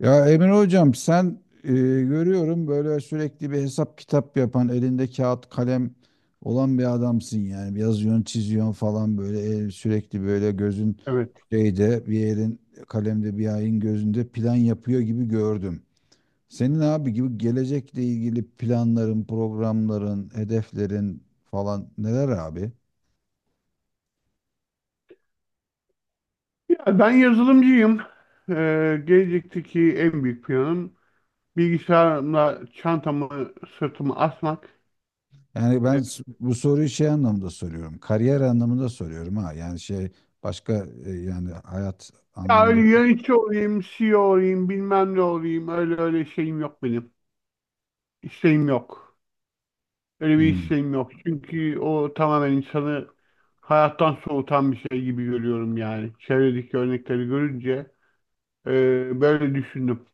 Ya Emre Hocam sen görüyorum böyle sürekli bir hesap kitap yapan elinde kağıt kalem olan bir adamsın. Yani yazıyorsun çiziyorsun falan böyle sürekli böyle gözün Evet. şeyde, bir elin kalemde, bir ayın gözünde plan yapıyor gibi gördüm. Senin abi gibi gelecekle ilgili planların, programların, hedeflerin falan neler abi? Ya ben yazılımcıyım. Gelecekteki en büyük planım bilgisayarımla çantamı sırtıma asmak. Yani ben Ee, bu soruyu şey anlamında soruyorum. Kariyer anlamında soruyorum ha. Yani şey, başka, yani hayat ya anlamında. öyle yönetici olayım, CEO olayım, bilmem ne olayım. Öyle öyle şeyim yok benim. İsteğim yok. Öyle bir Hmm. isteğim yok. Çünkü o tamamen insanı hayattan soğutan bir şey gibi görüyorum yani. Çevredeki örnekleri görünce böyle düşündüm.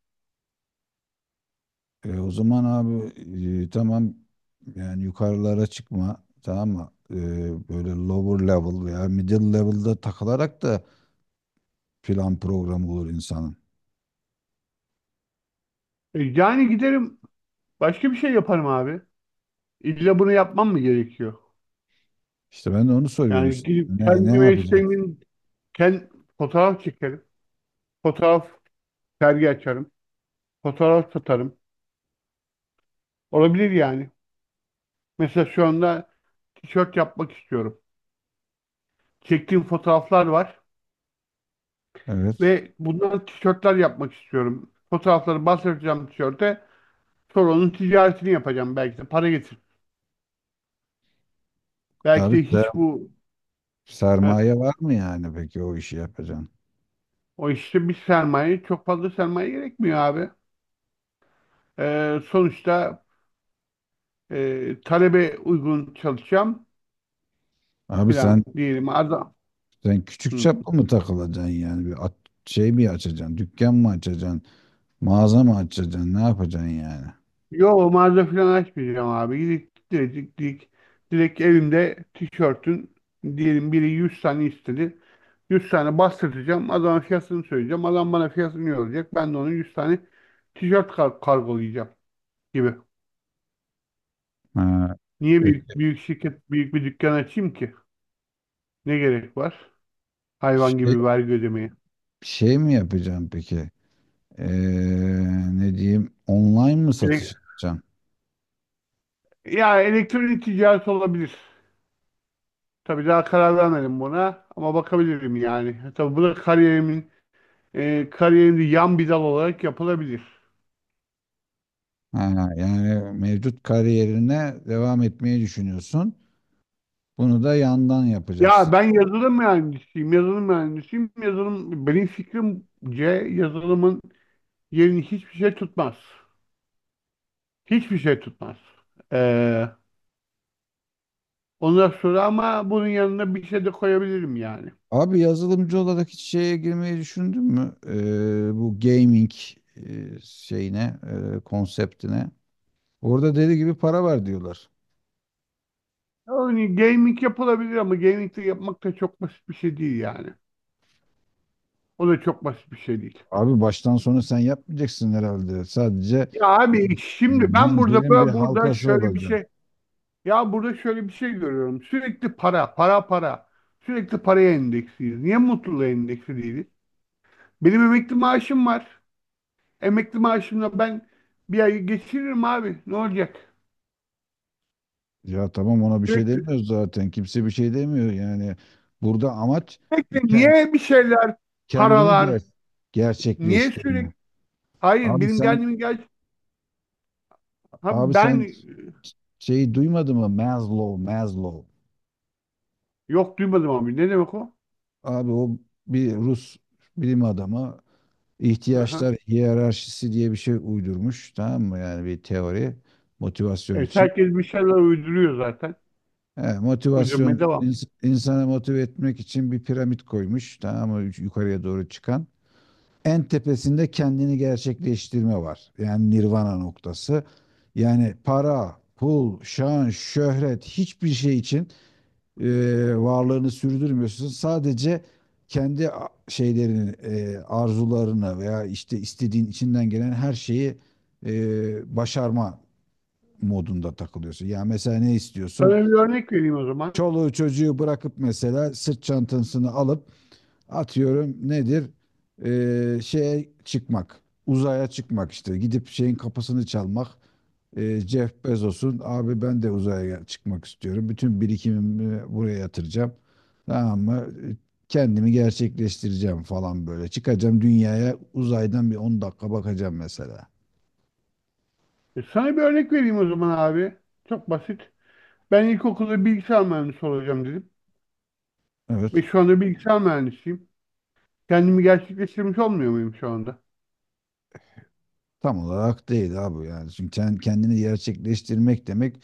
O zaman abi, tamam, yani yukarılara çıkma, tamam mı? Böyle lower level veya middle level'da takılarak da plan programı olur insanın. Yani giderim başka bir şey yaparım abi. İlla bunu yapmam mı gerekiyor? İşte ben de onu soruyorum Yani işte. gidip Ne, ne kendime yapacak? isteğimin kend, fotoğraf çekerim. Fotoğraf sergi açarım. Fotoğraf satarım. Olabilir yani. Mesela şu anda tişört yapmak istiyorum. Çektiğim fotoğraflar var Evet. ve bundan tişörtler yapmak istiyorum. Fotoğrafları bastıracağım tişörte. Sonra onun ticaretini yapacağım. Belki de para getir. Belki Abi de hiç bu heh, sermaye var mı yani, peki o işi yapacaksın? o işte bir sermaye çok fazla sermaye gerekmiyor abi. Sonuçta talebe uygun çalışacağım Abi sen, filan diyelim. Adam. sen küçük Hı. çaplı mı takılacaksın yani? Şey mi açacaksın? Dükkan mı açacaksın? Mağaza mı açacaksın? Ne yapacaksın yani? Yo, mağaza falan açmayacağım abi. Gidip direkt evimde tişörtün diyelim biri 100 tane istedi. 100 tane bastıracağım. Adama fiyatını söyleyeceğim. Adam bana fiyatını yollayacak. Ben de onun 100 tane tişört kargolayacağım gibi. Ha, Niye büyük, peki. büyük şirket, büyük bir dükkan açayım ki? Ne gerek var? Hayvan Şey, gibi vergi ödemeye. şey mi yapacaksın peki? Ne diyeyim? Online mı satış Ele- yapacaksın? elektronik ticaret olabilir. Tabii daha karar vermedim buna ama bakabilirim yani. Tabii bu da kariyerinde yan bir dal olarak yapılabilir. Ha, yani mevcut kariyerine devam etmeyi düşünüyorsun. Bunu da yandan yapacaksın. Ya ben yazılım mühendisiyim, yazılım mühendisiyim. Yazılım, benim fikrimce yazılımın yerini hiçbir şey tutmaz. Hiçbir şey tutmaz. Ee, ondan sonra ama bunun yanına bir şey de koyabilirim yani. Abi yazılımcı olarak hiç şeye girmeyi düşündün mü? Bu gaming, şeyine, konseptine. Orada deli gibi para var diyorlar. Yani gaming yapılabilir ama gaming de yapmak da çok basit bir şey değil yani. O da çok basit bir şey değil. Abi baştan sona sen yapmayacaksın herhalde. Sadece Ya abi, şimdi ben burada zincirin bir bö- burada halkası şöyle bir olacak. şey ya burada şöyle bir şey görüyorum. Sürekli para, para, para. Sürekli paraya endeksliyiz. Niye mutluluğa endeksli değiliz? Benim emekli maaşım var. Emekli maaşımla ben bir ay geçiririm abi. Ne olacak? Ya tamam, ona bir şey Sürekli, demiyoruz zaten. Kimse bir şey demiyor. Yani burada amaç sürekli ken- niye bir şeyler, kendini paralar, niye gerçekleştirme. sürekli? Hayır, Abi benim sen, kendimi abi Abi ben. sen şeyi duymadın mı? Maslow, Maslow. Yok, duymadım abi. Ne demek o? Abi o bir Rus bilim adamı, Aha. ihtiyaçlar hiyerarşisi diye bir şey uydurmuş. Tamam mı? Yani bir teori motivasyon Evet, için. herkes bir şeyler uyduruyor zaten. He, motivasyon Uydurmaya devam. İnsanı motive etmek için bir piramit koymuş, tamam mı? Yukarıya doğru çıkan. En tepesinde kendini gerçekleştirme var. Yani nirvana noktası. Yani para, pul, şan, şöhret hiçbir şey için e, varlığını sürdürmüyorsun. Sadece şeylerini, arzularını veya işte istediğin, içinden gelen her şeyi başarma modunda takılıyorsun. Ya mesela ne istiyorsun? Sana bir örnek vereyim o zaman. Çoluğu çocuğu bırakıp mesela sırt çantasını alıp, atıyorum nedir, şeye çıkmak, uzaya çıkmak, işte gidip şeyin kapısını çalmak, Jeff Bezos'un. Abi ben de uzaya çıkmak istiyorum, bütün birikimimi buraya yatıracağım, tamam mı? Kendimi gerçekleştireceğim falan, böyle çıkacağım, dünyaya uzaydan bir 10 dakika bakacağım mesela. Sana bir örnek vereyim o zaman abi. Çok basit. Ben ilkokulda bilgisayar mühendisi olacağım dedim. Evet, Ve şu anda bilgisayar mühendisiyim. Kendimi gerçekleştirmiş olmuyor muyum şu anda? tam olarak değil abi. Yani çünkü sen, kendini gerçekleştirmek demek,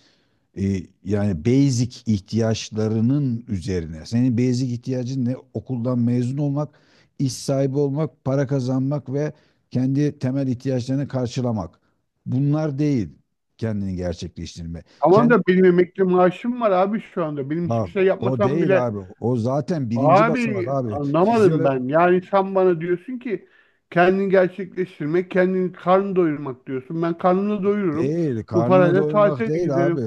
E, yani basic ihtiyaçlarının üzerine. Senin basic ihtiyacın ne? Okuldan mezun olmak, iş sahibi olmak, para kazanmak ve kendi temel ihtiyaçlarını karşılamak. Bunlar değil kendini gerçekleştirme. Tamam Kendi, da benim emekli maaşım var abi şu anda. Benim hiçbir bak şey o o yapmasam değil bile. abi. O zaten birinci basamak Abi, abi. anlamadım ben. Yani sen bana diyorsun ki kendini gerçekleştirmek, kendini karnını doyurmak diyorsun. Ben karnını doyururum. Değil, Bu karnını parayla doyurmak tatile değil abi. giderim.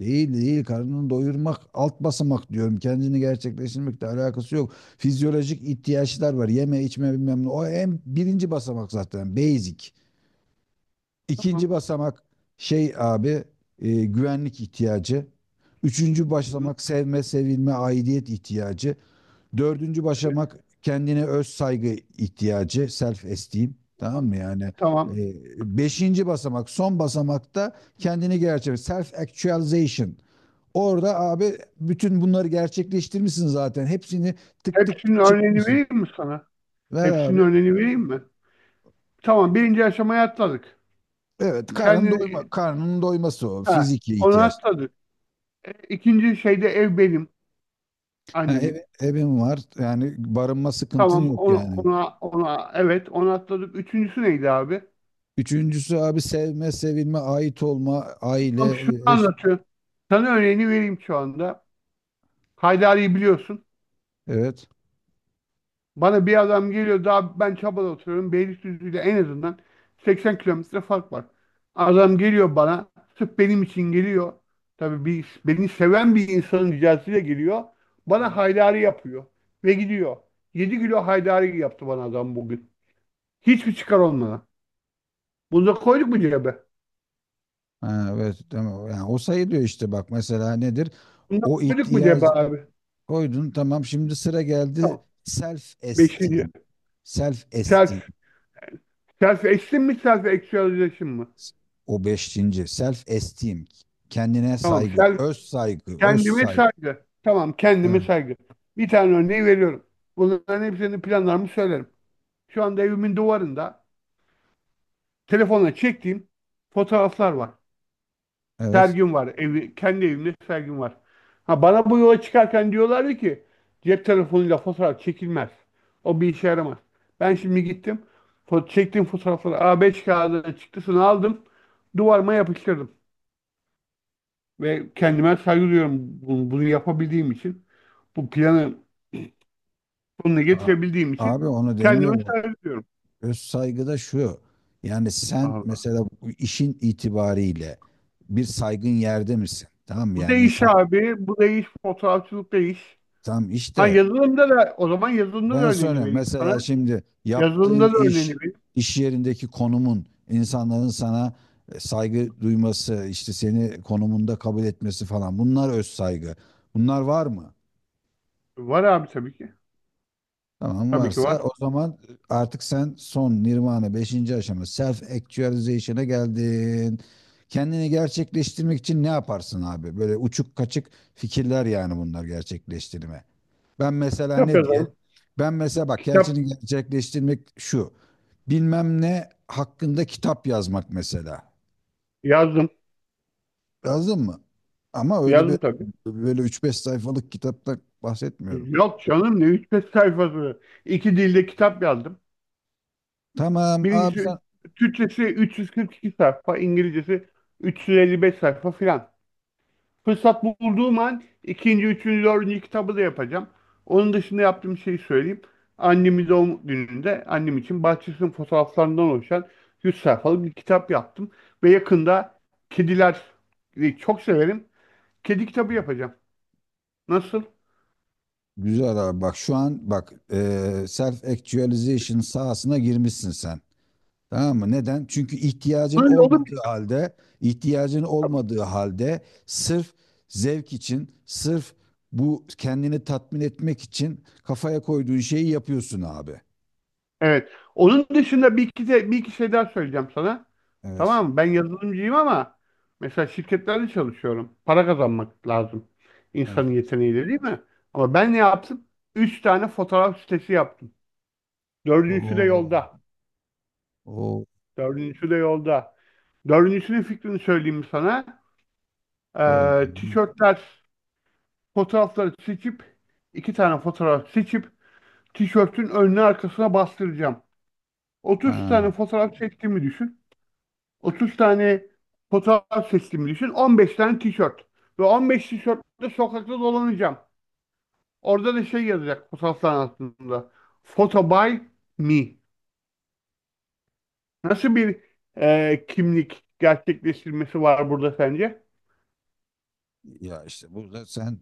Değil değil, karnını doyurmak, alt basamak diyorum. Kendini gerçekleştirmekle alakası yok. Fizyolojik ihtiyaçlar var. Yeme, içme, bilmem ne. O en birinci basamak zaten, basic. İkinci Tamam. basamak şey abi, güvenlik ihtiyacı. Üçüncü Hı, hı. basamak sevme, sevilme, aidiyet ihtiyacı. Dördüncü Evet, başamak kendine öz saygı ihtiyacı, self esteem. Tamam tamam. mı yani? Tamam. Beşinci basamak, son basamakta kendini gerçek, self actualization. Orada abi bütün bunları gerçekleştirmişsin zaten. Hepsini tık tık Hepsinin tık örneğini çıkmışsın. vereyim mi sana? Ver Hepsinin abi. örneğini vereyim mi? Tamam. Birinci aşamayı atladık. Evet, karnın Kendini doyma, karnının doyması o. ha, Fiziki onu ihtiyaç. atladık. İkinci şeyde ev benim, Ha, annemin. Evin var. Yani barınma sıkıntın Tamam. yok Ona, yani. ona, ona evet onu atladık. Üçüncüsü neydi abi? Üçüncüsü abi sevme, sevilme, ait olma, aile, Tam şunu eş. anlatıyor. Sana örneğini vereyim şu anda. Haydari'yi biliyorsun. Evet. Bana bir adam geliyor, daha ben Çaba'da oturuyorum. Beylikdüzü ile en azından 80 kilometre fark var. Adam geliyor bana. Sırf benim için geliyor. Tabii, beni seven bir insanın ricasıyla geliyor. Bana Evet. haydari yapıyor. Ve gidiyor. 7 kilo haydari yaptı bana adam bugün. Hiçbir çıkar olmadan. Bunu da koyduk mu cebe? Ha, evet tamam. Yani o sayılıyor işte, bak mesela nedir? Bunu da O koyduk mu cebe ihtiyacı abi? koydun, tamam, şimdi sıra geldi Tamam. self Beşinci. esteem. Self esteem. Selfie. Self esteem mi, self actualization mı? O beşinci, self esteem. Kendine Tamam, saygı, self, öz saygı, öz kendime saygı. saygı. Tamam, kendime Evet. saygı. Bir tane örneği veriyorum. Bunların hepsini planlarımı söylerim. Şu anda evimin duvarında telefona çektiğim fotoğraflar var. Evet. Sergim var. Kendi evimde sergim var. Ha, bana bu yola çıkarken diyorlardı ki cep telefonuyla fotoğraf çekilmez. O bir işe yaramaz. Ben şimdi gittim. Çektiğim fotoğrafları A5 kağıdına çıktısını aldım. Duvarıma yapıştırdım. Ve kendime saygı duyuyorum bunu yapabildiğim için. Bu planı sonuna A- getirebildiğim için Abi onu kendime demiyorum. saygı duyuyorum. Öz saygı da şu. Yani sen Allah. mesela bu işin itibariyle bir saygın yerde misin? Tamam mı? Bu da Yani iş insan, abi. Bu da iş. Fotoğrafçılık da iş. tam Ha, işte, yazılımda da ben örneğini soruyorum. vereyim sana. Mesela şimdi yaptığın Yazılımda da örneğini iş, vereyim. iş yerindeki konumun, insanların sana saygı duyması, işte seni konumunda kabul etmesi falan. Bunlar öz saygı. Bunlar var mı? Var abi, tabii ki. Tamam, Tabii ki varsa var. o zaman artık sen son nirvana, beşinci aşama, self actualization'a geldin. Kendini gerçekleştirmek için ne yaparsın abi? Böyle uçuk kaçık fikirler yani, bunlar gerçekleştirme. Ben mesela Kitap ne diyelim? yazarım. Ben mesela bak, Kitap gerçeğini gerçekleştirmek şu. Bilmem ne hakkında kitap yazmak mesela. yazdım. Yazdın mı? Ama öyle bir, Yazdım tabii. böyle üç beş sayfalık kitapta bahsetmiyorum. Yok canım, ne 3-5 sayfası. İki dilde kitap yazdım. Tamam abi Birincisi sen, Türkçesi 342 sayfa, İngilizcesi 355 sayfa filan. Fırsat bulduğum an ikinci, üçüncü, dördüncü kitabı da yapacağım. Onun dışında yaptığım şeyi söyleyeyim. Annemin doğum gününde annem için bahçesinin fotoğraflarından oluşan 100 sayfalık bir kitap yaptım. Ve yakında kediler çok severim. Kedi kitabı yapacağım. Nasıl? güzel abi, bak şu an bak, self actualization sahasına girmişsin sen. Tamam mı? Neden? Çünkü ihtiyacın Böyle olur. olmadığı halde, ihtiyacın olmadığı halde sırf zevk için, sırf bu kendini tatmin etmek için kafaya koyduğun şeyi yapıyorsun abi. Evet. Onun dışında bir iki şey daha söyleyeceğim sana. Evet. Tamam mı? Ben yazılımcıyım ama mesela şirketlerde çalışıyorum. Para kazanmak lazım. Evet. İnsanın yeteneğiyle değil mi? Ama ben ne yaptım? Üç tane fotoğraf sitesi yaptım. Dördüncüsü de Oo. yolda. Oo. Dördüncüsü de yolda. Dördüncüsünün fikrini söyleyeyim sana. Şöyle. Tişörtler, fotoğrafları seçip iki tane fotoğraf seçip tişörtün önüne arkasına bastıracağım. 30 Ha. tane fotoğraf çektiğimi düşün. 30 tane fotoğraf seçtiğimi düşün. 15 tane tişört. Ve 15 tişörtle sokakta dolanacağım. Orada da şey yazacak fotoğrafların altında. Photo by me. Nasıl bir kimlik gerçekleştirmesi var burada sence? Ya işte burada sen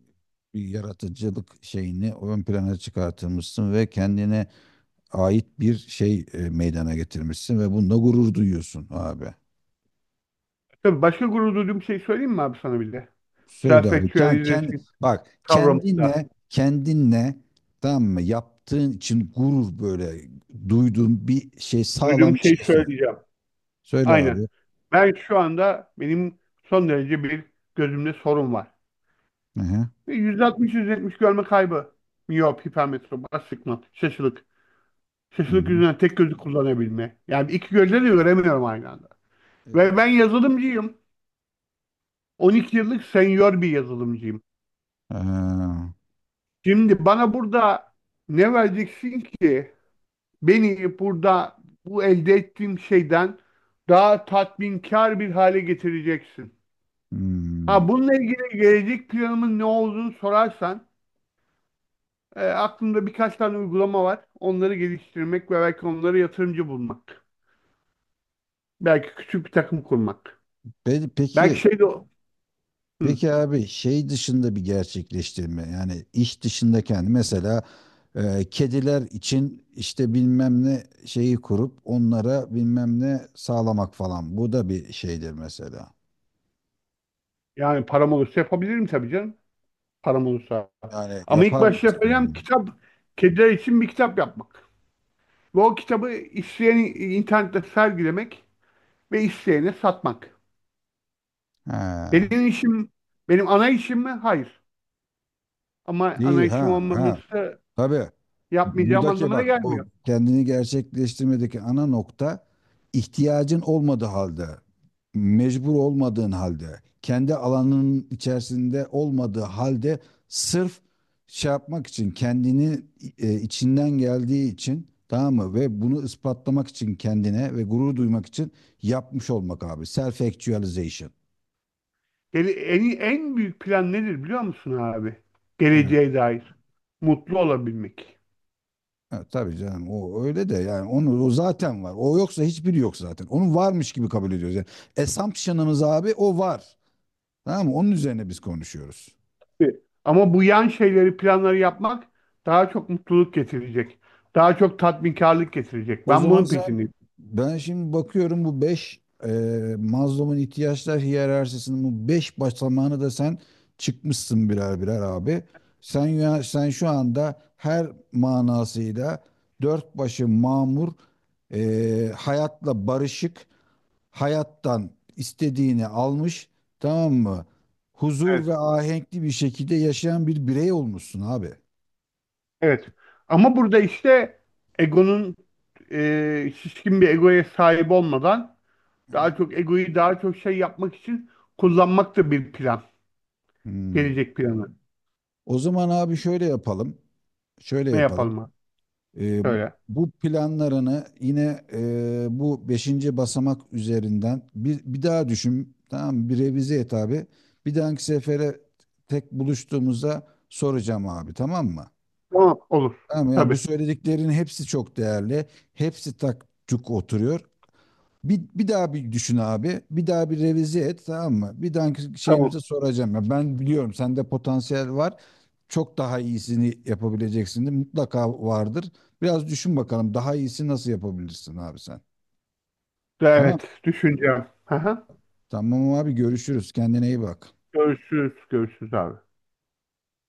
bir yaratıcılık şeyini ön plana çıkartılmışsın ve kendine ait bir şey meydana getirmişsin ve bununla gurur duyuyorsun abi. Tabii başka gurur duyduğum şey söyleyeyim mi abi sana bir de? Söyle abi. Yani Self-actualization kendi, bak kavramında. kendinle, tamam mı? Yaptığın için gurur, böyle duyduğun bir şey, sağlam Duyduğum bir şeyi şey söyle. söyleyeceğim. Söyle abi. Aynen. Ben şu anda benim son derece bir gözümde sorun var. Hı hı. Ve 160-170 görme kaybı. Miyop, hipermetrop, astigmat, şaşılık. Hı Şaşılık hı. yüzünden tek gözü kullanabilme. Yani iki gözle de göremiyorum aynı anda. Ve Evet. ben yazılımcıyım. 12 yıllık senior bir yazılımcıyım. Ee, Şimdi bana burada ne vereceksin ki beni burada bu elde ettiğim şeyden daha tatminkar bir hale getireceksin? hmm. Ha, bununla ilgili gelecek planımın ne olduğunu sorarsan, aklımda birkaç tane uygulama var. Onları geliştirmek ve belki onlara yatırımcı bulmak. Belki küçük bir takım kurmak. Belki Peki, şey de Hı. peki abi, şey dışında bir gerçekleştirme, yani iş dışında, kendi mesela kediler için işte bilmem ne şeyi kurup onlara bilmem ne sağlamak falan, bu da bir şeydir mesela. Yani param olursa yapabilirim tabii canım. Param olursa. Yani Ama ilk yapar başta yapacağım mısın? kitap, kediler için bir kitap yapmak. Ve o kitabı isteyen internette sergilemek ve isteyene satmak. Ha. Benim işim, benim ana işim mi? Hayır. Ama ana Değil işim ha ha. olmaması Tabii. yapmayacağım Buradaki anlamına bak, bu gelmiyor. kendini gerçekleştirmedeki ana nokta, ihtiyacın olmadığı halde, mecbur olmadığın halde, kendi alanının içerisinde olmadığı halde sırf şey yapmak için, kendini içinden geldiği için, tamam mı, ve bunu ispatlamak için kendine ve gurur duymak için yapmış olmak abi. Self actualization. En büyük plan nedir biliyor musun abi? Geleceğe dair. Mutlu olabilmek. Ha, tabii canım, o öyle de, yani onu, o zaten var. O yoksa hiçbiri yok zaten. Onu varmış gibi kabul ediyoruz. Yani assumption'ımız abi, o var. Tamam mı? Onun üzerine biz konuşuyoruz. Evet. Ama bu yan şeyleri, planları yapmak daha çok mutluluk getirecek. Daha çok tatminkarlık getirecek. O Ben zaman bunun sen, peşindeyim. ben şimdi bakıyorum, bu beş Maslow'un ihtiyaçlar hiyerarşisinin bu 5 basamağını da sen çıkmışsın birer birer abi. Sen ya, sen şu anda her manasıyla dört başı mamur, hayatla barışık, hayattan istediğini almış, tamam mı? Huzur Evet. ve ahenkli bir şekilde yaşayan bir birey olmuşsun abi. Evet. Ama burada işte egonun şişkin bir egoya sahip olmadan Hı daha hı. çok egoyu daha çok şey yapmak için kullanmak da bir plan. Hmm. Gelecek planı. O zaman abi şöyle yapalım. Şöyle Ne yapalım. yapalım abi? Ee, Söyle. Bu planlarını yine bu beşinci basamak üzerinden bir, bir daha düşün. Tamam mı? Bir revize et abi. Bir dahaki sefere tek buluştuğumuzda soracağım abi, tamam mı? Tamam. Olur. Tamam ya, bu Tabii. söylediklerin hepsi çok değerli. Hepsi tak tuk oturuyor. Bir, bir daha bir düşün abi. Bir daha bir revize et, tamam mı? Bir dahaki Tamam. şeyimize soracağım. Ya ben biliyorum, sende potansiyel var. Çok daha iyisini yapabileceksin de mutlaka vardır. Biraz düşün bakalım, daha iyisi nasıl yapabilirsin abi sen. Tamam. Evet, düşüneceğim. Aha. Tamam abi, görüşürüz. Kendine iyi bak. Görüşürüz, görüşürüz abi.